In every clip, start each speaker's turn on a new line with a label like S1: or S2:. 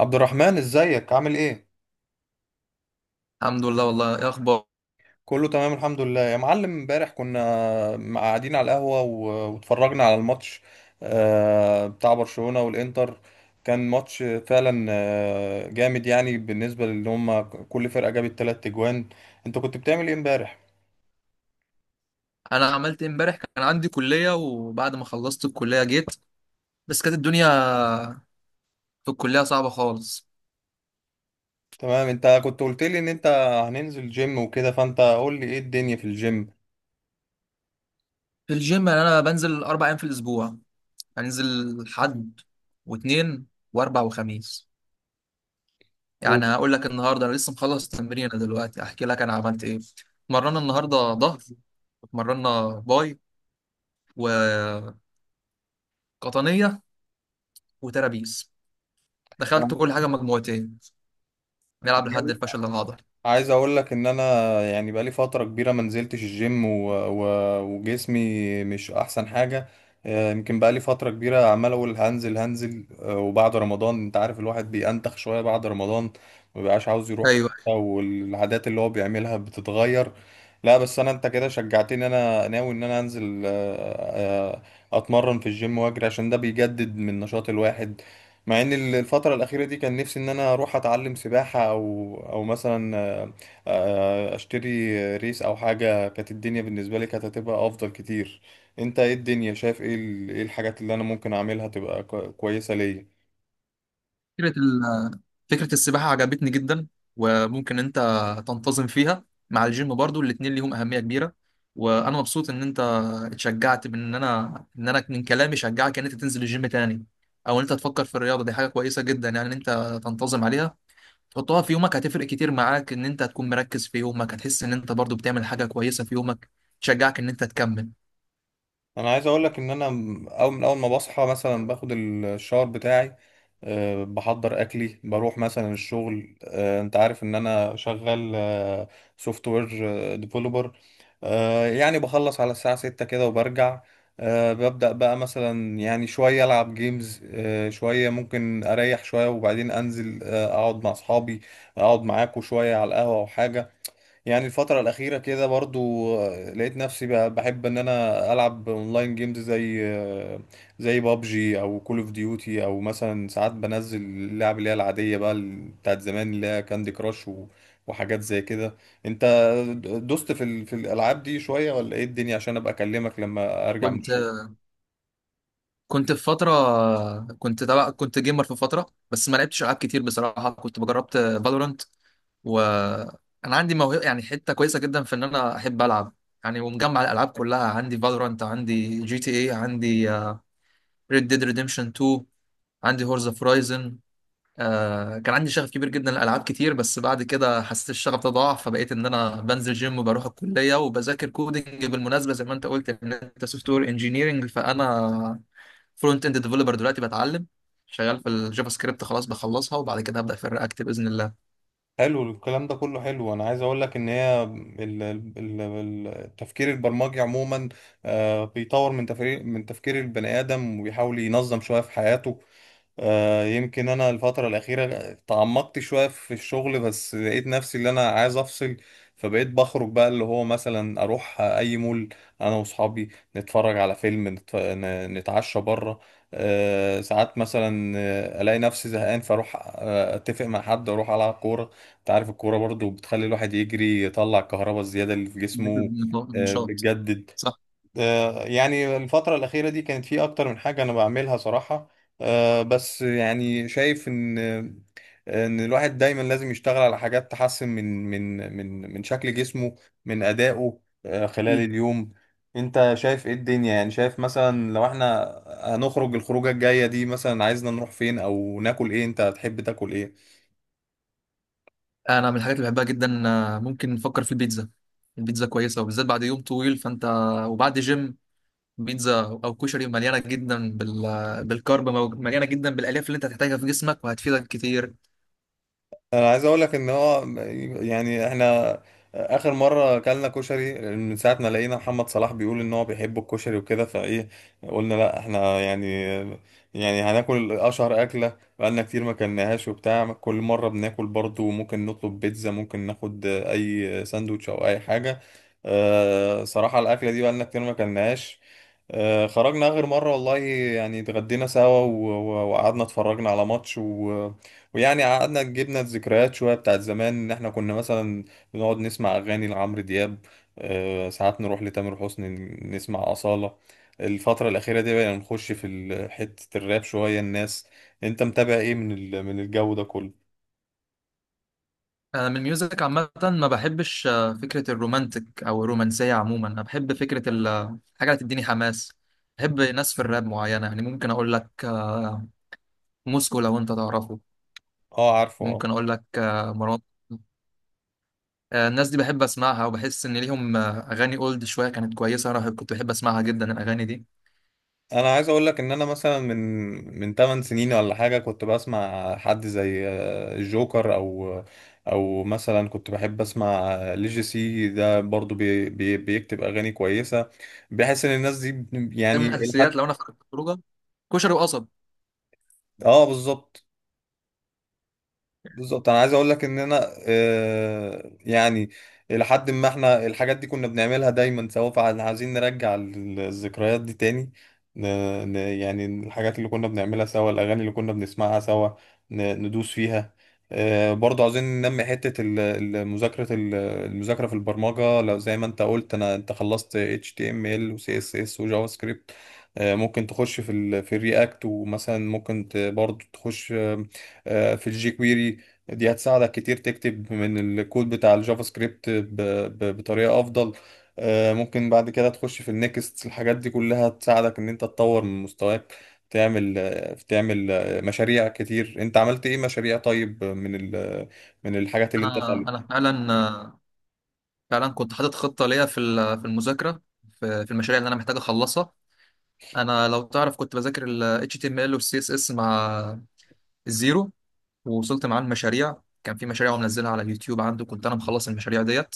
S1: عبد الرحمن، ازيك؟ عامل ايه؟
S2: الحمد لله. والله ايه اخبار؟
S1: كله تمام الحمد لله يا معلم. امبارح كنا قاعدين على القهوة واتفرجنا على الماتش بتاع برشلونة والانتر. كان ماتش فعلا جامد، يعني بالنسبة لان هم كل فرقة جابت تلات اجوان. انت كنت بتعمل ايه امبارح؟
S2: انا عملت إيه امبارح؟ كان عندي كليه، وبعد ما خلصت الكليه جيت، بس كانت الدنيا في الكليه صعبه خالص.
S1: تمام، انت كنت قلت لي ان انت هننزل جيم وكده، فانت قول لي ايه الدنيا في الجيم.
S2: في الجيم يعني انا بنزل 4 ايام في الاسبوع، هنزل حد واثنين واربع وخميس. يعني هقول لك النهارده انا لسه مخلص تمرين دلوقتي، احكي لك انا عملت ايه. اتمرنا النهارده ظهر، اتمرنا باي وقطنيه وترابيس، دخلت كل حاجه مجموعتين، نلعب لحد الفشل العضلي.
S1: عايز اقول لك ان انا، يعني بقالي فتره كبيره ما نزلتش الجيم وجسمي مش احسن حاجه. يمكن بقالي فتره كبيره عمال اقول هنزل هنزل، وبعد رمضان انت عارف الواحد بينتخ شويه بعد رمضان، ما بيبقاش عاوز يروح في
S2: ايوه.
S1: حتة، والعادات اللي هو بيعملها بتتغير. لا بس انا انت كده شجعتني، انا ناوي ان انا انزل، اتمرن في الجيم واجري، عشان ده بيجدد من نشاط الواحد. مع ان الفترة الأخيرة دي كان نفسي ان انا اروح اتعلم سباحة او او مثلا، اشتري ريس او حاجة، كانت الدنيا بالنسبة لي كانت هتبقى افضل كتير. انت ايه الدنيا؟ شايف ايه ايه الحاجات اللي انا ممكن اعملها تبقى كويسة ليا؟
S2: فكره، فكرة السباحة عجبتني جدا، وممكن انت تنتظم فيها مع الجيم برضو، الاتنين ليهم أهمية كبيرة. وانا مبسوط ان انت اتشجعت من ان انا من كلامي، شجعك ان انت تنزل الجيم تاني او ان انت تفكر في الرياضة، دي حاجة كويسة جدا يعني ان انت تنتظم عليها، تحطها في يومك هتفرق كتير معاك، ان انت هتكون مركز في يومك، هتحس ان انت برضو بتعمل حاجة كويسة في يومك تشجعك ان انت تكمل.
S1: انا عايز اقول لك ان انا، اول من اول ما بصحى مثلا باخد الشاور بتاعي. أه، بحضر اكلي، بروح مثلا الشغل. أه، انت عارف ان انا شغال سوفت وير ديفلوبر. أه، يعني بخلص على الساعة ستة كده وبرجع. أه، ببدأ بقى مثلا، يعني شوية العب جيمز، أه شوية ممكن اريح شوية، وبعدين انزل أه اقعد مع اصحابي، اقعد معاكوا شوية على القهوة او حاجة. يعني الفترة الأخيرة كده برضو لقيت نفسي بحب إن أنا ألعب أونلاين جيمز، زي زي بابجي أو كول أوف ديوتي، أو مثلا ساعات بنزل اللعب اللي هي العادية بقى، بتاعت زمان، اللي هي كاندي كراش وحاجات زي كده. أنت دوست في في الألعاب دي شوية، ولا إيه الدنيا؟ عشان أبقى أكلمك لما أرجع من
S2: كنت
S1: الشغل.
S2: كنت في فترة، كنت جيمر في فترة، بس ما لعبتش ألعاب كتير بصراحة. كنت جربت فالورانت، وانا عندي موهبه يعني حته كويسه جدا في ان انا احب العب يعني. ومجمع الالعاب كلها عندي، فالورانت عندي، جي تي اي عندي، ريد ديد ريديمشن 2 عندي، هورز اوف رايزن. كان عندي شغف كبير جدا لالعاب كتير، بس بعد كده حسيت الشغف ده ضاع، فبقيت ان انا بنزل جيم وبروح الكليه وبذاكر كودنج. بالمناسبه، زي ما انت قلت ان انت سوفت وير انجينيرنج، فانا فرونت اند ديفلوبر دلوقتي بتعلم، شغال في الجافا سكريبت، خلاص بخلصها وبعد كده هبدا في الرياكت باذن الله.
S1: حلو الكلام ده كله حلو. انا عايز اقول لك ان هي التفكير البرمجي عموما، بيطور من تفكير من تفكير البني ادم، وبيحاول ينظم شويه في حياته. يمكن انا الفتره الاخيره تعمقت شويه في الشغل، بس لقيت نفسي اللي انا عايز افصل. فبقيت بخرج بقى، اللي هو مثلا اروح اي مول انا واصحابي، نتفرج على فيلم، نتعشى بره. ساعات مثلا الاقي نفسي زهقان، فاروح اتفق مع حد اروح العب كوره. انت عارف الكوره برضو بتخلي الواحد يجري، يطلع الكهرباء الزياده اللي في جسمه،
S2: نشاط،
S1: بتجدد.
S2: صح.
S1: يعني الفترة الأخيرة دي كانت في أكتر من حاجة أنا بعملها صراحة. بس يعني شايف إن إن الواحد دايما لازم يشتغل على حاجات تحسن من شكل جسمه، من أدائه خلال اليوم. أنت شايف إيه الدنيا؟ يعني شايف مثلا لو إحنا هنخرج الخروجة الجاية دي، مثلا عايزنا نروح فين، أو ناكل إيه؟ أنت تحب تاكل إيه؟
S2: انا من الحاجات اللي بحبها جدا، ممكن نفكر في البيتزا. البيتزا كويسه، وبالذات بعد يوم طويل فانت، وبعد جيم، بيتزا او كشري مليانه جدا بالكارب، مليانه جدا بالالياف اللي انت هتحتاجها في جسمك وهتفيدك كتير.
S1: انا عايز اقول لك ان هو، يعني احنا اخر مره اكلنا كشري من ساعه ما لقينا محمد صلاح بيقول ان هو بيحب الكشري وكده، فايه، قلنا لا احنا يعني، يعني هناكل اشهر اكله بقالنا كتير ما كلناهاش. وبتاع كل مره بناكل برضو، ممكن نطلب بيتزا، ممكن ناخد اي ساندوتش او اي حاجه. أه صراحه الاكله دي بقالنا كتير ما كلناهاش. خرجنا آخر مرة والله، يعني اتغدينا سوا وقعدنا اتفرجنا على ماتش ويعني قعدنا جبنا الذكريات شوية بتاعت زمان، إن إحنا كنا مثلا بنقعد نسمع أغاني لعمرو دياب، ساعات نروح لتامر حسني، نسمع أصالة. الفترة الأخيرة دي بقينا نخش في حتة الراب شوية الناس. أنت متابع إيه من من الجو ده كله؟
S2: انا من الميوزك عامه ما بحبش فكره الرومانتك او الرومانسيه عموما، انا بحب فكره الحاجه اللي تديني حماس. بحب ناس في الراب معينه، يعني ممكن اقول لك موسكو لو انت تعرفه،
S1: أه عارفه، آه.
S2: ممكن اقول لك مروان. الناس دي بحب اسمعها، وبحس ان ليهم اغاني اولد شويه كانت كويسه، انا كنت بحب اسمعها جدا الاغاني دي.
S1: انا عايز اقول لك ان انا مثلا من 8 سنين ولا حاجه، كنت بسمع حد زي الجوكر، او او مثلا كنت بحب اسمع ليجي سي، ده برضو بي بيكتب اغاني كويسه. بحس ان الناس دي،
S2: ده من
S1: يعني
S2: الاساسيات
S1: لحد،
S2: لو انا فكرت في خروجه، كشري وقصب.
S1: اه بالظبط. بالظبط، انا عايز اقول لك ان انا يعني الى حد ما احنا الحاجات دي كنا بنعملها دايما سوا، فاحنا عايزين نرجع الذكريات دي تاني. ن- يعني الحاجات اللي كنا بنعملها سوا، الاغاني اللي كنا بنسمعها سوا، ندوس فيها. برضه عاوزين ننمي حتة مذاكرة المذاكرة في البرمجة. لو زي ما انت قلت انا انت خلصت HTML و CSS وجافا سكريبت، ممكن تخش في ال في الرياكت، ومثلا ممكن برضه تخش في الجي كويري. دي هتساعدك كتير تكتب من الكود بتاع الجافا سكريبت بطريقة أفضل. ممكن بعد كده تخش في النكست. الحاجات دي كلها تساعدك إن أنت تطور من مستواك، تعمل تعمل مشاريع كتير. أنت عملت إيه مشاريع طيب من من الحاجات اللي أنت
S2: انا
S1: اتعلمتها؟
S2: فعلا، فعلا كنت حاطط خطه ليا في في المذاكره، في في المشاريع اللي انا محتاج اخلصها. انا لو تعرف كنت بذاكر ال HTML وال CSS مع الزيرو، ووصلت معاه المشاريع، كان في مشاريع ومنزلها على اليوتيوب عنده، كنت انا مخلص المشاريع ديت.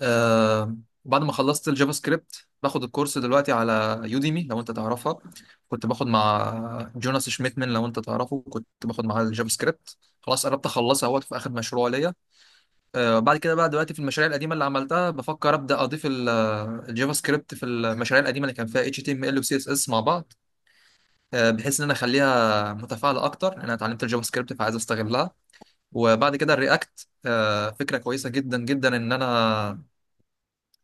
S2: آه، وبعد ما خلصت الجافا سكريبت باخد الكورس دلوقتي على يوديمي لو انت تعرفها، كنت باخد مع جوناس شميتمن لو انت تعرفه، كنت باخد معاه الجافا سكريبت، خلاص قربت اخلصها اهوت في اخر مشروع ليا. آه بعد كده بقى دلوقتي في المشاريع القديمه اللي عملتها بفكر ابدا اضيف الجافا سكريبت في المشاريع القديمه اللي كان فيها اتش تي ام ال وسي اس اس مع بعض. آه بحيث ان انا اخليها متفاعله اكتر، لان انا اتعلمت الجافا سكريبت فعايز استغلها. وبعد كده الرياكت آه فكره كويسه جدا جدا، ان انا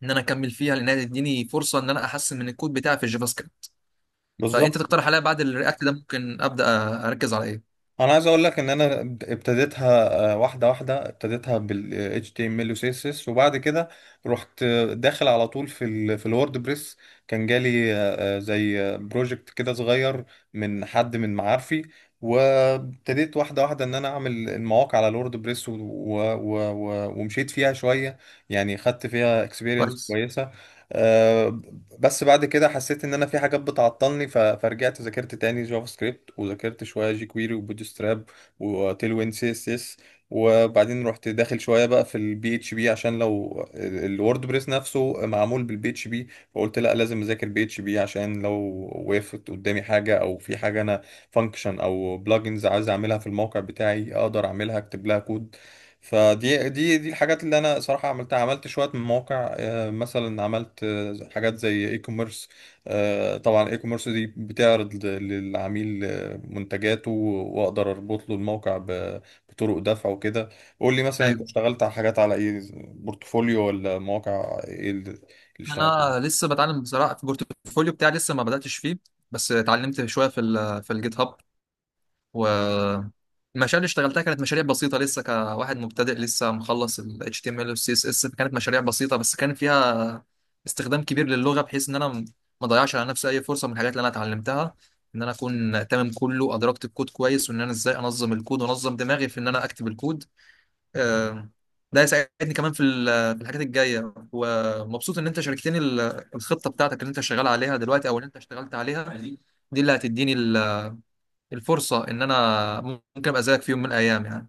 S2: ان انا اكمل فيها، لانها تديني فرصه ان انا احسن من الكود بتاعي في الجافا سكريبت. فانت
S1: بالظبط،
S2: تقترح عليا بعد الرياكت ده ممكن ابدا اركز على ايه؟
S1: انا عايز اقول لك ان انا ابتديتها واحده واحده. ابتديتها بال HTML و CSS، وبعد كده رحت داخل على طول في ال في الووردبريس. كان جالي زي بروجكت كده صغير من حد من معارفي، وابتديت واحده واحده ان انا اعمل المواقع على الووردبريس ومشيت فيها شويه، يعني خدت فيها اكسبيرينس
S2: كويس.
S1: كويسه. آه، بس بعد كده حسيت ان انا في حاجات بتعطلني، فرجعت ذاكرت تاني جافا سكريبت، وذاكرت شويه جي كويري وبوتستراب وتيلوين سي اس اس. وبعدين رحت داخل شويه بقى في البي اتش بي، عشان لو الورد بريس نفسه معمول بالبي اتش بي، فقلت لا لازم اذاكر بي اتش بي، عشان لو وقفت قدامي حاجه، او في حاجه انا فانكشن او بلجنز عايز اعملها في الموقع بتاعي اقدر اعملها اكتب لها كود. فدي دي دي الحاجات اللي انا صراحه عملتها. عملت شويه من مواقع مثلا عملت حاجات زي اي كوميرس. طبعا اي كوميرس دي بتعرض للعميل منتجاته، واقدر اربط له الموقع بطرق دفع وكده. قول لي مثلا انت
S2: ايوه،
S1: اشتغلت على حاجات على ايه؟ بورتفوليو ولا مواقع ايه اللي اشتغلت؟
S2: انا لسه بتعلم بصراحه، في البورتفوليو بتاعي لسه ما بداتش فيه، بس اتعلمت شويه في ال في الجيت هاب. والمشاريع اللي اشتغلتها كانت مشاريع بسيطة، لسه كواحد مبتدئ لسه مخلص ال HTML وال CSS، فكانت مشاريع بسيطة بس كان فيها استخدام كبير للغة، بحيث ان انا ما اضيعش على نفسي اي فرصة من الحاجات اللي انا اتعلمتها، ان انا اكون تمام كله، ادركت الكود كويس، وان انا ازاي انظم الكود وانظم دماغي في ان انا اكتب الكود. آه، ده هيساعدني كمان في في الحاجات الجاية. ومبسوط ان انت شاركتني الخطة بتاعتك اللي انت شغال عليها دلوقتي او اللي انت اشتغلت عليها، دي اللي هتديني الفرصة إن أنا ممكن أبقى زيك في يوم من الأيام يعني.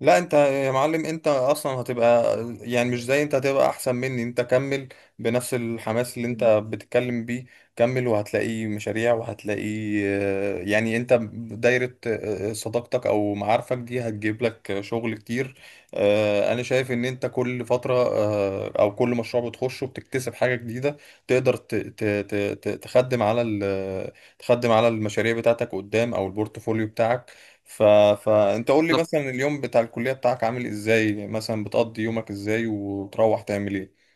S1: لا انت يا معلم انت اصلا هتبقى، يعني مش زي، انت هتبقى احسن مني. انت كمل بنفس الحماس اللي انت بتتكلم بيه، كمل وهتلاقي مشاريع، وهتلاقي يعني انت دايرة صداقتك او معارفك دي هتجيب لك شغل كتير. انا شايف ان انت كل فترة او كل مشروع بتخشه بتكتسب حاجة جديدة، تقدر تخدم على تخدم على المشاريع بتاعتك قدام او البورتفوليو بتاعك. ف... فانت قول لي
S2: بالظبط.
S1: مثلا اليوم بتاع الكلية بتاعك عامل ازاي؟ يعني مثلا بتقضي يومك ازاي وتروح تعمل ايه؟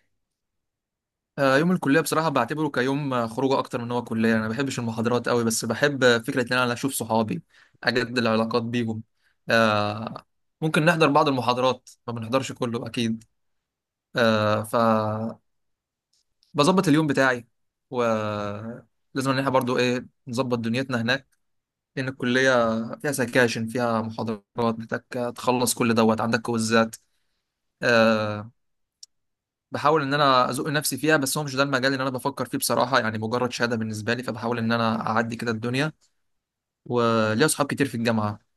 S2: يوم الكلية بصراحة بعتبره كيوم خروجه أكتر من هو كلية، أنا ما بحبش المحاضرات قوي بس بحب فكرة إن أنا أشوف صحابي، أجدد العلاقات بيهم. آه، ممكن نحضر بعض المحاضرات، ما بنحضرش كله أكيد. فبظبط اليوم بتاعي ولازم إن إحنا برضو إيه نظبط دنيتنا هناك، لأن الكلية فيها سكاشن فيها محاضرات، محتاج تخلص كل دوت، عندك كويزات. آه، بحاول ان انا ازق نفسي فيها، بس هو مش ده المجال اللي انا بفكر فيه بصراحه، يعني مجرد شهاده بالنسبه لي، فبحاول ان انا اعدي كده الدنيا، وليا اصحاب كتير في الجامعه.